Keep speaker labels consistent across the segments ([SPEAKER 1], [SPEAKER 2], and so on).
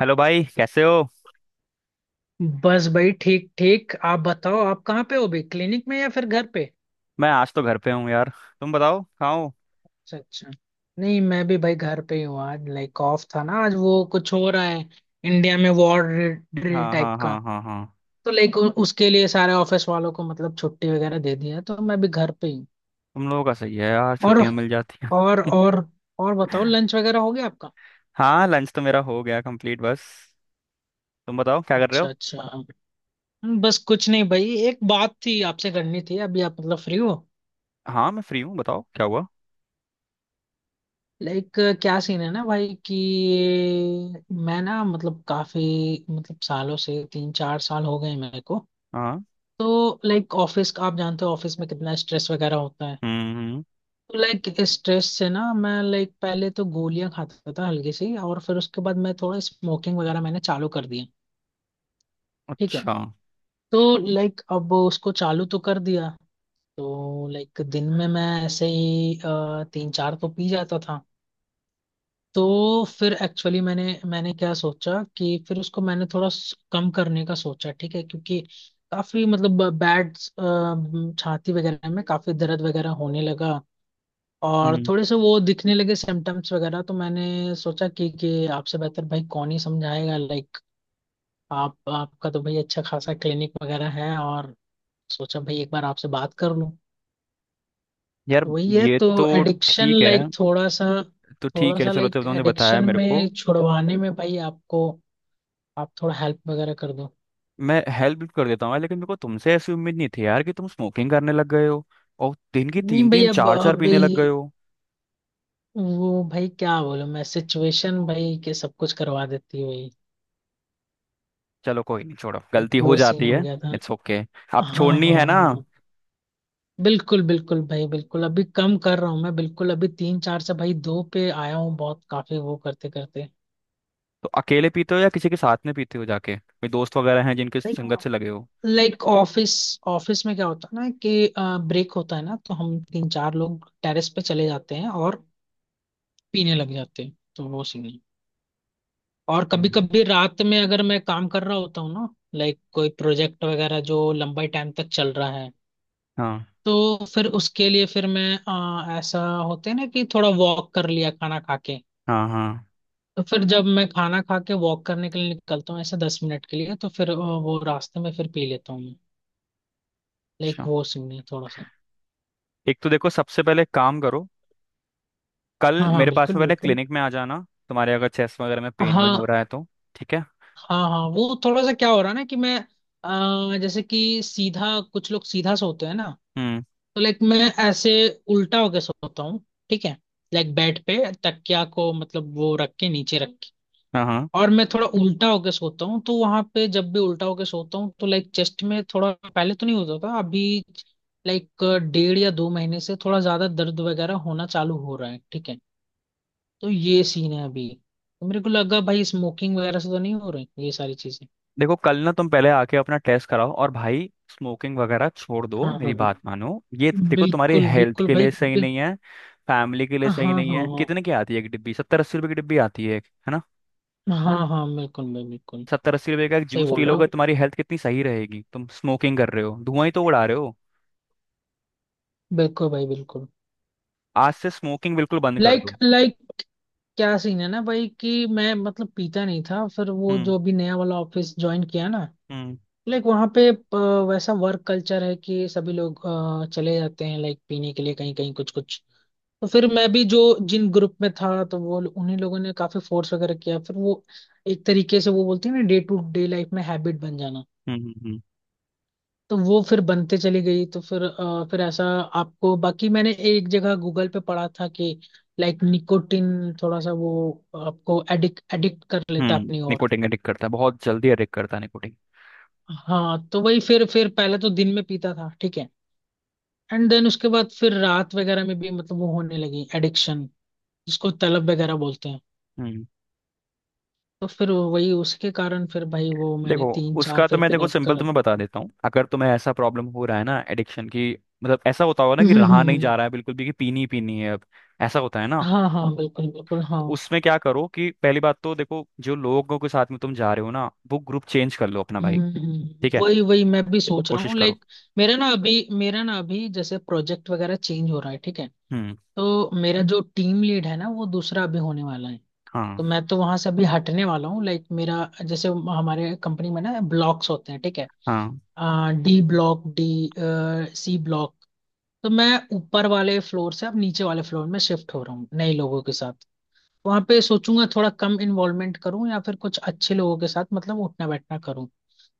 [SPEAKER 1] Hello भाई कैसे हो।
[SPEAKER 2] बस भाई, ठीक ठीक। आप बताओ आप कहाँ पे हो अभी, क्लिनिक में या फिर घर पे?
[SPEAKER 1] मैं आज तो घर पे हूँ यार। तुम बताओ कहाँ हो।
[SPEAKER 2] अच्छा अच्छा। नहीं, मैं भी भाई घर पे ही हूँ। आज लाइक ऑफ था ना, आज वो कुछ हो रहा है इंडिया में, वॉर ड्रिल
[SPEAKER 1] हाँ
[SPEAKER 2] टाइप
[SPEAKER 1] हाँ
[SPEAKER 2] का।
[SPEAKER 1] हाँ हाँ हाँ।
[SPEAKER 2] तो लाइक उसके लिए सारे ऑफिस वालों को मतलब छुट्टी वगैरह दे दिया है, तो मैं भी घर पे ही हूँ।
[SPEAKER 1] तुम लोगों का सही है यार,
[SPEAKER 2] और
[SPEAKER 1] छुट्टियां मिल जाती हैं।
[SPEAKER 2] और और और बताओ, लंच वगैरह हो गया आपका?
[SPEAKER 1] हाँ लंच तो मेरा हो गया कंप्लीट। बस तुम बताओ क्या कर रहे
[SPEAKER 2] अच्छा
[SPEAKER 1] हो।
[SPEAKER 2] अच्छा। बस कुछ नहीं भाई, एक बात थी आपसे करनी थी। अभी आप मतलब फ्री हो?
[SPEAKER 1] हाँ मैं फ्री हूँ, बताओ क्या हुआ।
[SPEAKER 2] लाइक क्या सीन है ना भाई कि मैं ना मतलब काफी, मतलब सालों से, 3-4 साल हो गए मेरे को।
[SPEAKER 1] हाँ।
[SPEAKER 2] तो लाइक ऑफिस का, आप जानते हो ऑफिस में कितना स्ट्रेस वगैरह होता है।
[SPEAKER 1] हम्म।
[SPEAKER 2] तो लाइक स्ट्रेस से ना मैं लाइक पहले तो गोलियां खाता था हल्की सी, और फिर उसके बाद मैं थोड़ा स्मोकिंग वगैरह मैंने चालू कर दिया। ठीक है।
[SPEAKER 1] अच्छा।
[SPEAKER 2] तो लाइक अब उसको चालू तो कर दिया। तो लाइक दिन में मैं ऐसे ही तीन चार तो पी जाता था। तो फिर एक्चुअली मैंने मैंने क्या सोचा कि फिर उसको मैंने थोड़ा कम करने का सोचा। ठीक है, क्योंकि काफी मतलब बैड, छाती वगैरह में काफी दर्द वगैरह होने लगा। और
[SPEAKER 1] हम्म।
[SPEAKER 2] थोड़े से वो दिखने लगे सिम्टम्स वगैरह, तो मैंने सोचा कि आपसे बेहतर भाई कौन ही समझाएगा। लाइक आप आपका तो भाई अच्छा खासा क्लिनिक वगैरह है, और सोचा भाई एक बार आपसे बात कर लूं।
[SPEAKER 1] यार
[SPEAKER 2] तो वही है
[SPEAKER 1] ये
[SPEAKER 2] तो,
[SPEAKER 1] तो
[SPEAKER 2] एडिक्शन
[SPEAKER 1] ठीक है।
[SPEAKER 2] लाइक थोड़ा सा।
[SPEAKER 1] तो
[SPEAKER 2] थोड़ा
[SPEAKER 1] ठीक है,
[SPEAKER 2] सा
[SPEAKER 1] चलो जब
[SPEAKER 2] लाइक
[SPEAKER 1] तुमने बताया
[SPEAKER 2] एडिक्शन
[SPEAKER 1] मेरे को
[SPEAKER 2] में छुड़वाने में भाई आपको, आप थोड़ा हेल्प वगैरह कर दो।
[SPEAKER 1] मैं हेल्प कर देता हूँ, लेकिन मेरे को तुमसे ऐसी उम्मीद नहीं थी यार कि तुम स्मोकिंग करने लग गए हो। और दिन की
[SPEAKER 2] नहीं
[SPEAKER 1] तीन
[SPEAKER 2] भाई,
[SPEAKER 1] तीन
[SPEAKER 2] अब
[SPEAKER 1] चार चार पीने
[SPEAKER 2] अभी,
[SPEAKER 1] लग गए हो।
[SPEAKER 2] वो भाई क्या बोलूं मैं, सिचुएशन भाई के सब कुछ करवा देती है भाई।
[SPEAKER 1] चलो कोई नहीं, छोड़ो,
[SPEAKER 2] एक
[SPEAKER 1] गलती हो
[SPEAKER 2] वो सीन
[SPEAKER 1] जाती
[SPEAKER 2] हो
[SPEAKER 1] है।
[SPEAKER 2] गया था।
[SPEAKER 1] It's okay. आप
[SPEAKER 2] हाँ हाँ
[SPEAKER 1] छोड़नी है ना।
[SPEAKER 2] हाँ। बिल्कुल बिल्कुल भाई बिल्कुल। अभी कम कर रहा हूँ मैं, बिल्कुल अभी तीन चार से भाई दो पे आया हूँ, बहुत काफी वो करते करते।
[SPEAKER 1] तो अकेले पीते हो या किसी के साथ में पीते हो जाके? कोई दोस्त वगैरह हैं जिनके संगत से लगे हो?
[SPEAKER 2] लाइक ऑफिस, ऑफिस में क्या होता है ना कि ब्रेक होता है ना, तो हम तीन चार लोग टेरेस पे चले जाते हैं और पीने लग जाते हैं, तो वो सीन। और कभी
[SPEAKER 1] हम्म।
[SPEAKER 2] कभी रात में अगर मैं काम कर रहा होता हूँ ना, लाइक कोई प्रोजेक्ट वगैरह जो लंबे टाइम तक चल रहा है,
[SPEAKER 1] हाँ
[SPEAKER 2] तो फिर उसके लिए फिर मैं ऐसा होते हैं ना कि थोड़ा वॉक कर लिया खाना खा के।
[SPEAKER 1] हाँ हाँ।
[SPEAKER 2] तो फिर जब मैं खाना खा के वॉक करने के लिए निकलता हूँ ऐसे 10 मिनट के लिए, तो फिर वो रास्ते में फिर पी लेता हूँ मैं। लाइक
[SPEAKER 1] अच्छा।
[SPEAKER 2] वो सीन है थोड़ा सा।
[SPEAKER 1] एक तो देखो सबसे पहले एक काम करो, कल
[SPEAKER 2] हाँ हाँ,
[SPEAKER 1] मेरे पास
[SPEAKER 2] बिल्कुल
[SPEAKER 1] में पहले
[SPEAKER 2] बिल्कुल,
[SPEAKER 1] क्लिनिक में आ जाना। तुम्हारे अगर चेस्ट वगैरह में पेन वेन
[SPEAKER 2] हाँ।
[SPEAKER 1] हो रहा है तो ठीक है।
[SPEAKER 2] हाँ हाँ, वो थोड़ा सा क्या हो रहा है ना कि मैं जैसे कि सीधा कुछ लोग सीधा सोते हैं ना,
[SPEAKER 1] हम्म।
[SPEAKER 2] तो लाइक मैं ऐसे उल्टा होके सोता हूँ। ठीक है, लाइक बेड पे तकिया को मतलब वो रख के, नीचे रख के,
[SPEAKER 1] हाँ हाँ।
[SPEAKER 2] और मैं थोड़ा उल्टा होके सोता हूँ। तो वहां पे जब भी उल्टा होके सोता हूँ तो लाइक चेस्ट में थोड़ा, पहले तो नहीं होता था, अभी लाइक 1.5 या 2 महीने से थोड़ा ज्यादा दर्द वगैरह होना चालू हो रहा है। ठीक है, तो ये सीन है अभी। तो मेरे को लगा भाई, स्मोकिंग वगैरह से तो नहीं हो रही ये सारी चीजें?
[SPEAKER 1] देखो कल ना तुम पहले आके अपना टेस्ट कराओ, और भाई स्मोकिंग वगैरह छोड़ दो
[SPEAKER 2] हाँ
[SPEAKER 1] मेरी
[SPEAKER 2] हाँ हाँ,
[SPEAKER 1] बात मानो। ये देखो तुम्हारी
[SPEAKER 2] बिल्कुल
[SPEAKER 1] हेल्थ
[SPEAKER 2] बिल्कुल
[SPEAKER 1] के
[SPEAKER 2] भाई
[SPEAKER 1] लिए सही नहीं है, फैमिली के लिए
[SPEAKER 2] हाँ
[SPEAKER 1] सही नहीं है।
[SPEAKER 2] हाँ
[SPEAKER 1] कितने की आती है एक डिब्बी? सत्तर अस्सी रुपए की डिब्बी आती है एक, है ना।
[SPEAKER 2] हाँ हाँ हाँ, बिल्कुल भाई बिल्कुल।
[SPEAKER 1] सत्तर अस्सी रुपए का एक
[SPEAKER 2] सही
[SPEAKER 1] जूस पी
[SPEAKER 2] बोल रहे हो,
[SPEAKER 1] लोगे तुम्हारी हेल्थ कितनी सही रहेगी। तुम स्मोकिंग कर रहे हो, धुआं ही तो उड़ा रहे हो।
[SPEAKER 2] बिल्कुल भाई बिल्कुल।
[SPEAKER 1] आज से स्मोकिंग बिल्कुल बंद कर
[SPEAKER 2] लाइक
[SPEAKER 1] दो।
[SPEAKER 2] लाइक क्या सीन है ना भाई कि मैं मतलब पीता नहीं था, फिर वो
[SPEAKER 1] हम्म
[SPEAKER 2] जो अभी नया वाला ऑफिस ज्वाइन किया ना,
[SPEAKER 1] हम्म
[SPEAKER 2] लाइक वहाँ पे वैसा वर्क कल्चर है कि सभी लोग चले जाते हैं लाइक पीने के लिए, कहीं कहीं, कुछ कुछ। तो फिर मैं भी जो जिन ग्रुप में था, तो वो उन्हीं लोगों ने काफी फोर्स वगैरह किया, फिर वो एक तरीके से वो बोलते हैं ना, डे टू डे लाइफ में हैबिट बन जाना।
[SPEAKER 1] हम्म। हम्म।
[SPEAKER 2] तो वो फिर बनते चली गई, तो फिर फिर ऐसा आपको, बाकी मैंने एक जगह गूगल पे पढ़ा था कि लाइक निकोटिन थोड़ा सा वो आपको एडिक्ट एडिक्ट कर लेता है अपनी ओर।
[SPEAKER 1] निकोटिन अडिक्ट करता है, बहुत जल्दी अडिक्ट करता है निकोटिन।
[SPEAKER 2] हाँ तो वही फिर पहले तो दिन में पीता था, ठीक है, एंड देन उसके बाद फिर रात वगैरह में भी मतलब वो होने लगी एडिक्शन, जिसको तलब वगैरह बोलते हैं। तो फिर वही उसके कारण फिर भाई वो मैंने
[SPEAKER 1] देखो
[SPEAKER 2] तीन चार
[SPEAKER 1] उसका तो
[SPEAKER 2] फिर
[SPEAKER 1] मैं देखो
[SPEAKER 2] पीने
[SPEAKER 1] सिंपल
[SPEAKER 2] कर
[SPEAKER 1] तुम्हें बता देता हूँ। अगर तुम्हें ऐसा प्रॉब्लम हो रहा है ना एडिक्शन की, मतलब ऐसा होता होगा ना कि
[SPEAKER 2] हम्म,
[SPEAKER 1] रहा
[SPEAKER 2] हम्म,
[SPEAKER 1] नहीं
[SPEAKER 2] हम्म।
[SPEAKER 1] जा रहा है बिल्कुल भी कि पीनी ही पीनी है अब, ऐसा होता है ना।
[SPEAKER 2] हाँ हाँ, बिल्कुल बिल्कुल, हाँ।
[SPEAKER 1] तो उसमें क्या करो कि पहली बात तो देखो जो लोगों के साथ में तुम जा रहे हो ना, वो ग्रुप चेंज कर लो अपना भाई। ठीक है,
[SPEAKER 2] वही वही मैं भी सोच रहा
[SPEAKER 1] कोशिश
[SPEAKER 2] हूँ
[SPEAKER 1] करो।
[SPEAKER 2] लाइक। मेरा ना अभी जैसे प्रोजेक्ट वगैरह चेंज हो रहा है। ठीक है,
[SPEAKER 1] हम्म।
[SPEAKER 2] तो मेरा जो टीम लीड है ना वो दूसरा अभी होने वाला है,
[SPEAKER 1] हाँ
[SPEAKER 2] तो मैं तो वहां से अभी हटने वाला हूँ। लाइक मेरा, जैसे हमारे कंपनी में ना ब्लॉक्स होते हैं, ठीक है,
[SPEAKER 1] हाँ।
[SPEAKER 2] D block D C block. तो मैं ऊपर वाले फ्लोर से अब नीचे वाले फ्लोर में शिफ्ट हो रहा हूँ, नए लोगों के साथ। वहां पे सोचूंगा थोड़ा कम इन्वॉल्वमेंट करूँ, या फिर कुछ अच्छे लोगों के साथ मतलब उठना बैठना करूँ।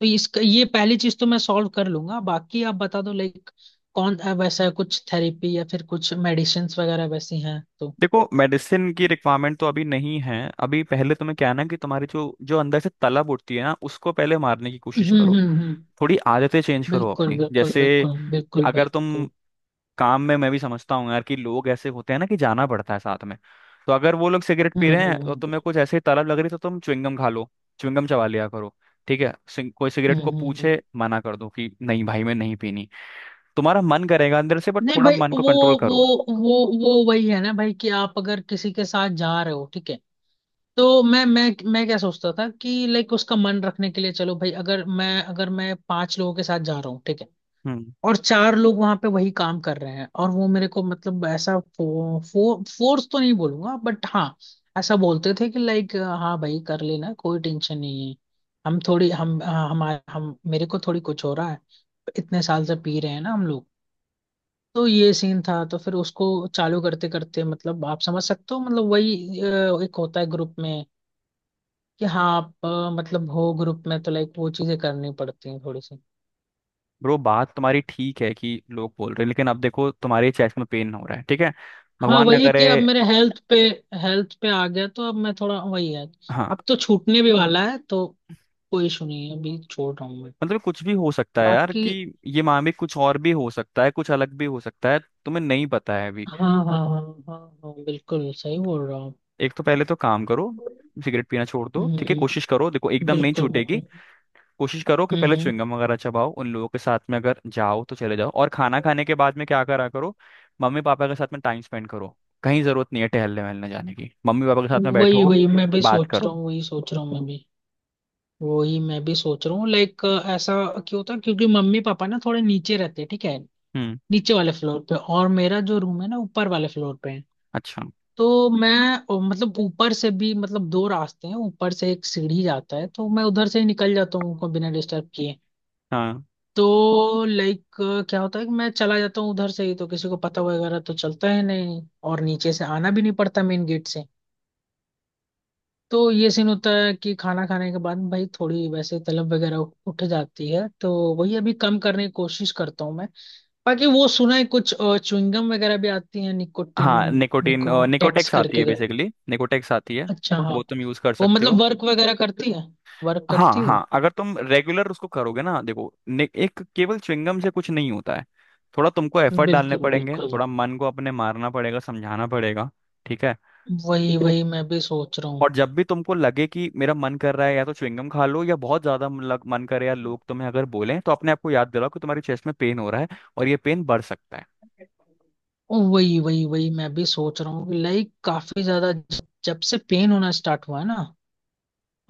[SPEAKER 2] तो इसका, ये पहली चीज तो मैं सॉल्व कर लूंगा। बाकी आप बता दो लाइक कौन वैसा है, कुछ थेरेपी या फिर कुछ मेडिसिन्स वगैरह वैसी हैं तो?
[SPEAKER 1] देखो मेडिसिन की रिक्वायरमेंट तो अभी नहीं है। अभी पहले तुम्हें क्या है ना कि तुम्हारी जो जो अंदर से तलब उठती है ना उसको पहले मारने की कोशिश करो।
[SPEAKER 2] हम्म।
[SPEAKER 1] थोड़ी आदतें चेंज करो
[SPEAKER 2] बिल्कुल
[SPEAKER 1] अपनी।
[SPEAKER 2] बिल्कुल
[SPEAKER 1] जैसे
[SPEAKER 2] बिल्कुल बिल्कुल भाई
[SPEAKER 1] अगर तुम
[SPEAKER 2] बिल्कुल।
[SPEAKER 1] काम में, मैं भी समझता हूँ यार कि लोग ऐसे होते हैं ना कि जाना पड़ता है साथ में, तो अगर वो लोग सिगरेट पी
[SPEAKER 2] हम्म
[SPEAKER 1] रहे हैं और
[SPEAKER 2] हम्म
[SPEAKER 1] तुम्हें कुछ ऐसे ही तलब लग रही है तो तुम च्युइंगम खा लो, च्युइंगम चबा लिया करो। ठीक है, कोई सिगरेट
[SPEAKER 2] हम्म
[SPEAKER 1] को
[SPEAKER 2] हम्म, हम्म।
[SPEAKER 1] पूछे मना कर दो कि नहीं भाई मैं नहीं पीनी। तुम्हारा मन करेगा अंदर से, बट
[SPEAKER 2] नहीं
[SPEAKER 1] थोड़ा
[SPEAKER 2] भाई,
[SPEAKER 1] मन को कंट्रोल
[SPEAKER 2] वो
[SPEAKER 1] करो।
[SPEAKER 2] वो वो वही है ना भाई कि आप अगर किसी के साथ जा रहे हो, ठीक है, तो मैं क्या सोचता था कि लाइक उसका मन रखने के लिए, चलो भाई, अगर मैं पांच लोगों के साथ जा रहा हूँ, ठीक है,
[SPEAKER 1] हम्म।
[SPEAKER 2] और चार लोग वहां पे वही काम कर रहे हैं, और वो मेरे को मतलब ऐसा फो, फो, फोर्स तो नहीं बोलूंगा बट हाँ, ऐसा बोलते थे कि लाइक हाँ भाई, कर लेना कोई टेंशन नहीं है, हम थोड़ी हम हमारे हम मेरे को थोड़ी कुछ हो रहा है, इतने साल से पी रहे हैं ना हम लोग। तो ये सीन था, तो फिर उसको चालू करते करते, मतलब आप समझ सकते हो, मतलब वही एक होता है ग्रुप में कि हाँ आप मतलब हो ग्रुप में, तो लाइक वो चीजें करनी पड़ती हैं थोड़ी सी।
[SPEAKER 1] ब्रो बात तुम्हारी ठीक है कि लोग बोल रहे हैं, लेकिन अब देखो तुम्हारे चेस्ट में पेन हो रहा है ठीक है।
[SPEAKER 2] हाँ
[SPEAKER 1] भगवान न
[SPEAKER 2] वही
[SPEAKER 1] करे।
[SPEAKER 2] कि अब मेरे हेल्थ पे, हेल्थ पे आ गया तो अब मैं थोड़ा वही है,
[SPEAKER 1] हाँ।
[SPEAKER 2] अब तो छूटने भी वाला है, तो कोई इशू नहीं है, अभी छोड़ रहा हूँ मैं।
[SPEAKER 1] मतलब कुछ भी हो सकता है यार
[SPEAKER 2] बाकी,
[SPEAKER 1] कि ये मामले कुछ और भी हो सकता है, कुछ अलग भी हो सकता है। तुम्हें नहीं पता है अभी।
[SPEAKER 2] हाँ हाँ हाँ हाँ हाँ, हाँ, बिल्कुल सही बोल रहा हूँ।
[SPEAKER 1] एक तो पहले तो काम करो, सिगरेट पीना छोड़ दो। ठीक है कोशिश
[SPEAKER 2] हम्म,
[SPEAKER 1] करो, देखो एकदम नहीं
[SPEAKER 2] बिल्कुल
[SPEAKER 1] छूटेगी।
[SPEAKER 2] बिल्कुल।
[SPEAKER 1] कोशिश करो कि पहले
[SPEAKER 2] हम्म
[SPEAKER 1] च्युइंगम वगैरह चबाओ, उन लोगों के साथ में अगर जाओ तो चले जाओ, और खाना खाने के बाद में क्या करा करो, मम्मी पापा के साथ में टाइम स्पेंड करो। कहीं जरूरत नहीं है टहलने वहलने जाने की, मम्मी पापा के साथ
[SPEAKER 2] हम्म,
[SPEAKER 1] में
[SPEAKER 2] वही
[SPEAKER 1] बैठो
[SPEAKER 2] वही मैं भी
[SPEAKER 1] बात
[SPEAKER 2] सोच रहा
[SPEAKER 1] करो।
[SPEAKER 2] हूँ, वही सोच रहा हूँ मैं भी। वही मैं भी सोच रहा हूँ लाइक, ऐसा क्यों होता है, क्योंकि मम्मी पापा ना थोड़े नीचे रहते हैं, ठीक है,
[SPEAKER 1] हम्म।
[SPEAKER 2] नीचे वाले फ्लोर पे, और मेरा जो रूम है ना ऊपर वाले फ्लोर पे है।
[SPEAKER 1] अच्छा।
[SPEAKER 2] तो मैं मतलब ऊपर से भी, मतलब दो रास्ते हैं, ऊपर से एक सीढ़ी जाता है, तो मैं उधर से ही निकल जाता हूँ, उनको बिना डिस्टर्ब किए।
[SPEAKER 1] हाँ
[SPEAKER 2] तो लाइक क्या होता है कि मैं चला जाता हूँ उधर से ही, तो किसी को पता वगैरह तो चलता है नहीं, और नीचे से आना भी नहीं पड़ता मेन गेट से। तो ये सीन होता है कि खाना खाने के बाद भाई थोड़ी वैसे तलब वगैरह उठ जाती है, तो वही अभी कम करने की कोशिश करता हूँ मैं। बाकी वो सुना है कुछ, चुइंगम वगैरह भी आती है निकोटिन,
[SPEAKER 1] हाँ निकोटीन
[SPEAKER 2] निको टैक्स
[SPEAKER 1] निकोटेक्स आती है,
[SPEAKER 2] करके?
[SPEAKER 1] बेसिकली निकोटेक्स आती है,
[SPEAKER 2] अच्छा हाँ।
[SPEAKER 1] वो तुम यूज कर
[SPEAKER 2] वो
[SPEAKER 1] सकते हो।
[SPEAKER 2] मतलब वर्क वगैरह करती है? वर्क
[SPEAKER 1] हाँ
[SPEAKER 2] करती है वो?
[SPEAKER 1] हाँ अगर तुम रेगुलर उसको करोगे ना। देखो एक केवल च्युइंगम से कुछ नहीं होता है, थोड़ा तुमको एफर्ट डालने
[SPEAKER 2] बिल्कुल
[SPEAKER 1] पड़ेंगे,
[SPEAKER 2] बिल्कुल।
[SPEAKER 1] थोड़ा मन को अपने मारना पड़ेगा, समझाना पड़ेगा। ठीक है?
[SPEAKER 2] वही वही मैं भी सोच रहा हूँ।
[SPEAKER 1] और जब भी तुमको लगे कि मेरा मन कर रहा है या तो च्युइंगम खा लो, या बहुत ज्यादा मन करे या लोग तुम्हें अगर बोलें तो अपने आप को याद दिलाओ कि तुम्हारी चेस्ट में पेन हो रहा है, और ये पेन बढ़ सकता है।
[SPEAKER 2] वही वही वही मैं भी सोच रहा हूँ लाइक, काफी ज्यादा जब से पेन होना स्टार्ट हुआ है ना,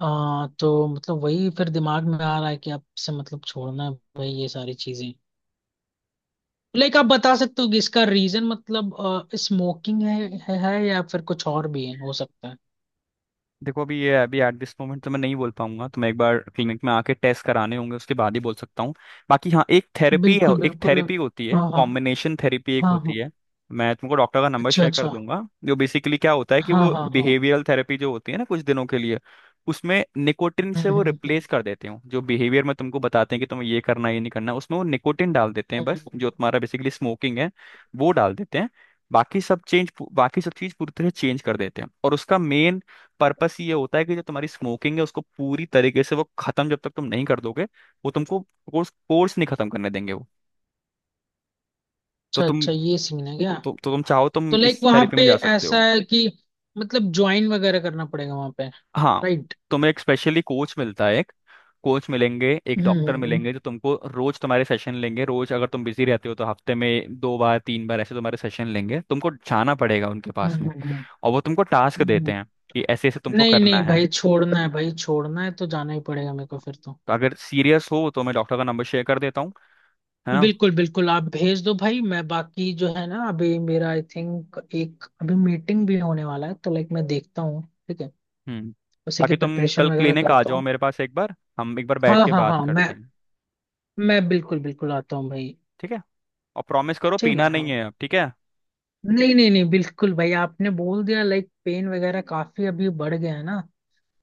[SPEAKER 2] तो मतलब वही फिर दिमाग में आ रहा है कि अब से मतलब छोड़ना है भाई ये सारी चीजें। लाइक आप बता सकते हो कि इसका रीजन मतलब, स्मोकिंग है, है या फिर कुछ और भी है हो सकता है?
[SPEAKER 1] देखो अभी ये अभी एट दिस मोमेंट तो मैं नहीं बोल पाऊंगा, तो मैं एक बार क्लिनिक में आके टेस्ट कराने होंगे उसके बाद ही बोल सकता हूँ। बाकी हाँ एक थेरेपी है,
[SPEAKER 2] बिल्कुल
[SPEAKER 1] एक
[SPEAKER 2] बिल्कुल।
[SPEAKER 1] थेरेपी होती है
[SPEAKER 2] हाँ हाँ
[SPEAKER 1] कॉम्बिनेशन थेरेपी एक
[SPEAKER 2] हाँ
[SPEAKER 1] होती
[SPEAKER 2] हाँ।
[SPEAKER 1] है। मैं तुमको डॉक्टर का नंबर
[SPEAKER 2] अच्छा
[SPEAKER 1] शेयर कर
[SPEAKER 2] अच्छा।
[SPEAKER 1] दूंगा, जो बेसिकली क्या होता है कि
[SPEAKER 2] हाँ
[SPEAKER 1] वो
[SPEAKER 2] हाँ हाँ।
[SPEAKER 1] बिहेवियरल थेरेपी जो होती है ना, कुछ दिनों के लिए उसमें निकोटिन से
[SPEAKER 2] हम्म
[SPEAKER 1] वो
[SPEAKER 2] हम्म हम्म,
[SPEAKER 1] रिप्लेस कर देते हो, जो बिहेवियर में तुमको बताते हैं कि तुम्हें ये करना ये नहीं करना, उसमें वो निकोटिन डाल देते हैं बस, जो
[SPEAKER 2] हम्म।
[SPEAKER 1] तुम्हारा बेसिकली स्मोकिंग है वो डाल देते हैं। बाकी सब चेंज, बाकी सब चीज पूरी तरह चेंज कर देते हैं, और उसका मेन पर्पस ये होता है कि जो तुम्हारी स्मोकिंग है उसको पूरी तरीके से वो खत्म जब तक तुम नहीं कर दोगे, वो तुमको कोर्स कोर्स नहीं खत्म करने देंगे वो। तो
[SPEAKER 2] अच्छा
[SPEAKER 1] तुम,
[SPEAKER 2] अच्छा, ये सीन है क्या?
[SPEAKER 1] तो तुम चाहो तुम
[SPEAKER 2] तो लाइक
[SPEAKER 1] इस
[SPEAKER 2] वहां
[SPEAKER 1] थेरेपी
[SPEAKER 2] पे
[SPEAKER 1] में जा सकते
[SPEAKER 2] ऐसा
[SPEAKER 1] हो।
[SPEAKER 2] है कि मतलब ज्वाइन वगैरह करना पड़ेगा वहां पे,
[SPEAKER 1] हाँ
[SPEAKER 2] राइट?
[SPEAKER 1] तुम्हें एक स्पेशली कोच मिलता है, एक कोच मिलेंगे, एक
[SPEAKER 2] हम्म
[SPEAKER 1] डॉक्टर
[SPEAKER 2] हम्म
[SPEAKER 1] मिलेंगे, जो तुमको रोज तुम्हारे सेशन लेंगे रोज, अगर तुम बिजी रहते हो तो हफ्ते में दो बार तीन बार ऐसे तुम्हारे सेशन लेंगे, तुमको जाना पड़ेगा उनके पास में।
[SPEAKER 2] हम्म, हम्म,
[SPEAKER 1] और वो तुमको टास्क देते
[SPEAKER 2] हम्म।
[SPEAKER 1] हैं कि ऐसे ऐसे तुमको
[SPEAKER 2] नहीं
[SPEAKER 1] करना
[SPEAKER 2] नहीं
[SPEAKER 1] है।
[SPEAKER 2] भाई, छोड़ना है भाई, छोड़ना है तो जाना ही पड़ेगा मेरे को फिर तो।
[SPEAKER 1] तो अगर सीरियस हो तो मैं डॉक्टर का नंबर शेयर कर देता हूँ, है ना।
[SPEAKER 2] बिल्कुल बिल्कुल, आप भेज दो भाई। मैं बाकी जो है ना, अभी मेरा आई थिंक एक अभी मीटिंग भी होने वाला है, तो लाइक मैं देखता हूँ, ठीक है,
[SPEAKER 1] हम्म।
[SPEAKER 2] उसी की
[SPEAKER 1] बाकी तुम
[SPEAKER 2] प्रिपरेशन
[SPEAKER 1] कल
[SPEAKER 2] वगैरह
[SPEAKER 1] क्लिनिक आ
[SPEAKER 2] करता
[SPEAKER 1] जाओ
[SPEAKER 2] हूँ।
[SPEAKER 1] मेरे पास, एक बार हम एक बार बैठ
[SPEAKER 2] हाँ
[SPEAKER 1] के
[SPEAKER 2] हाँ
[SPEAKER 1] बात
[SPEAKER 2] हाँ, मैं
[SPEAKER 1] करते हैं।
[SPEAKER 2] मैं बिल्कुल बिल्कुल आता हूँ भाई।
[SPEAKER 1] ठीक है और प्रॉमिस करो
[SPEAKER 2] ठीक है,
[SPEAKER 1] पीना
[SPEAKER 2] हाँ।
[SPEAKER 1] नहीं है अब ठीक है।
[SPEAKER 2] नहीं नहीं नहीं, बिल्कुल भाई, आपने बोल दिया, लाइक पेन वगैरह काफी अभी बढ़ गया है ना।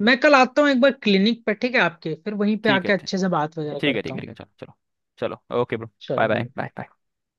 [SPEAKER 2] मैं कल आता हूँ एक बार क्लिनिक पे, ठीक है आपके, फिर वहीं पे
[SPEAKER 1] ठीक है
[SPEAKER 2] आके
[SPEAKER 1] ठीक
[SPEAKER 2] अच्छे से बात वगैरह
[SPEAKER 1] है।
[SPEAKER 2] करता
[SPEAKER 1] ठीक है
[SPEAKER 2] हूँ।
[SPEAKER 1] ठीक है चलो चलो, चलो ओके ब्रो।
[SPEAKER 2] चलो
[SPEAKER 1] बाय बाय
[SPEAKER 2] भाई।
[SPEAKER 1] बाय।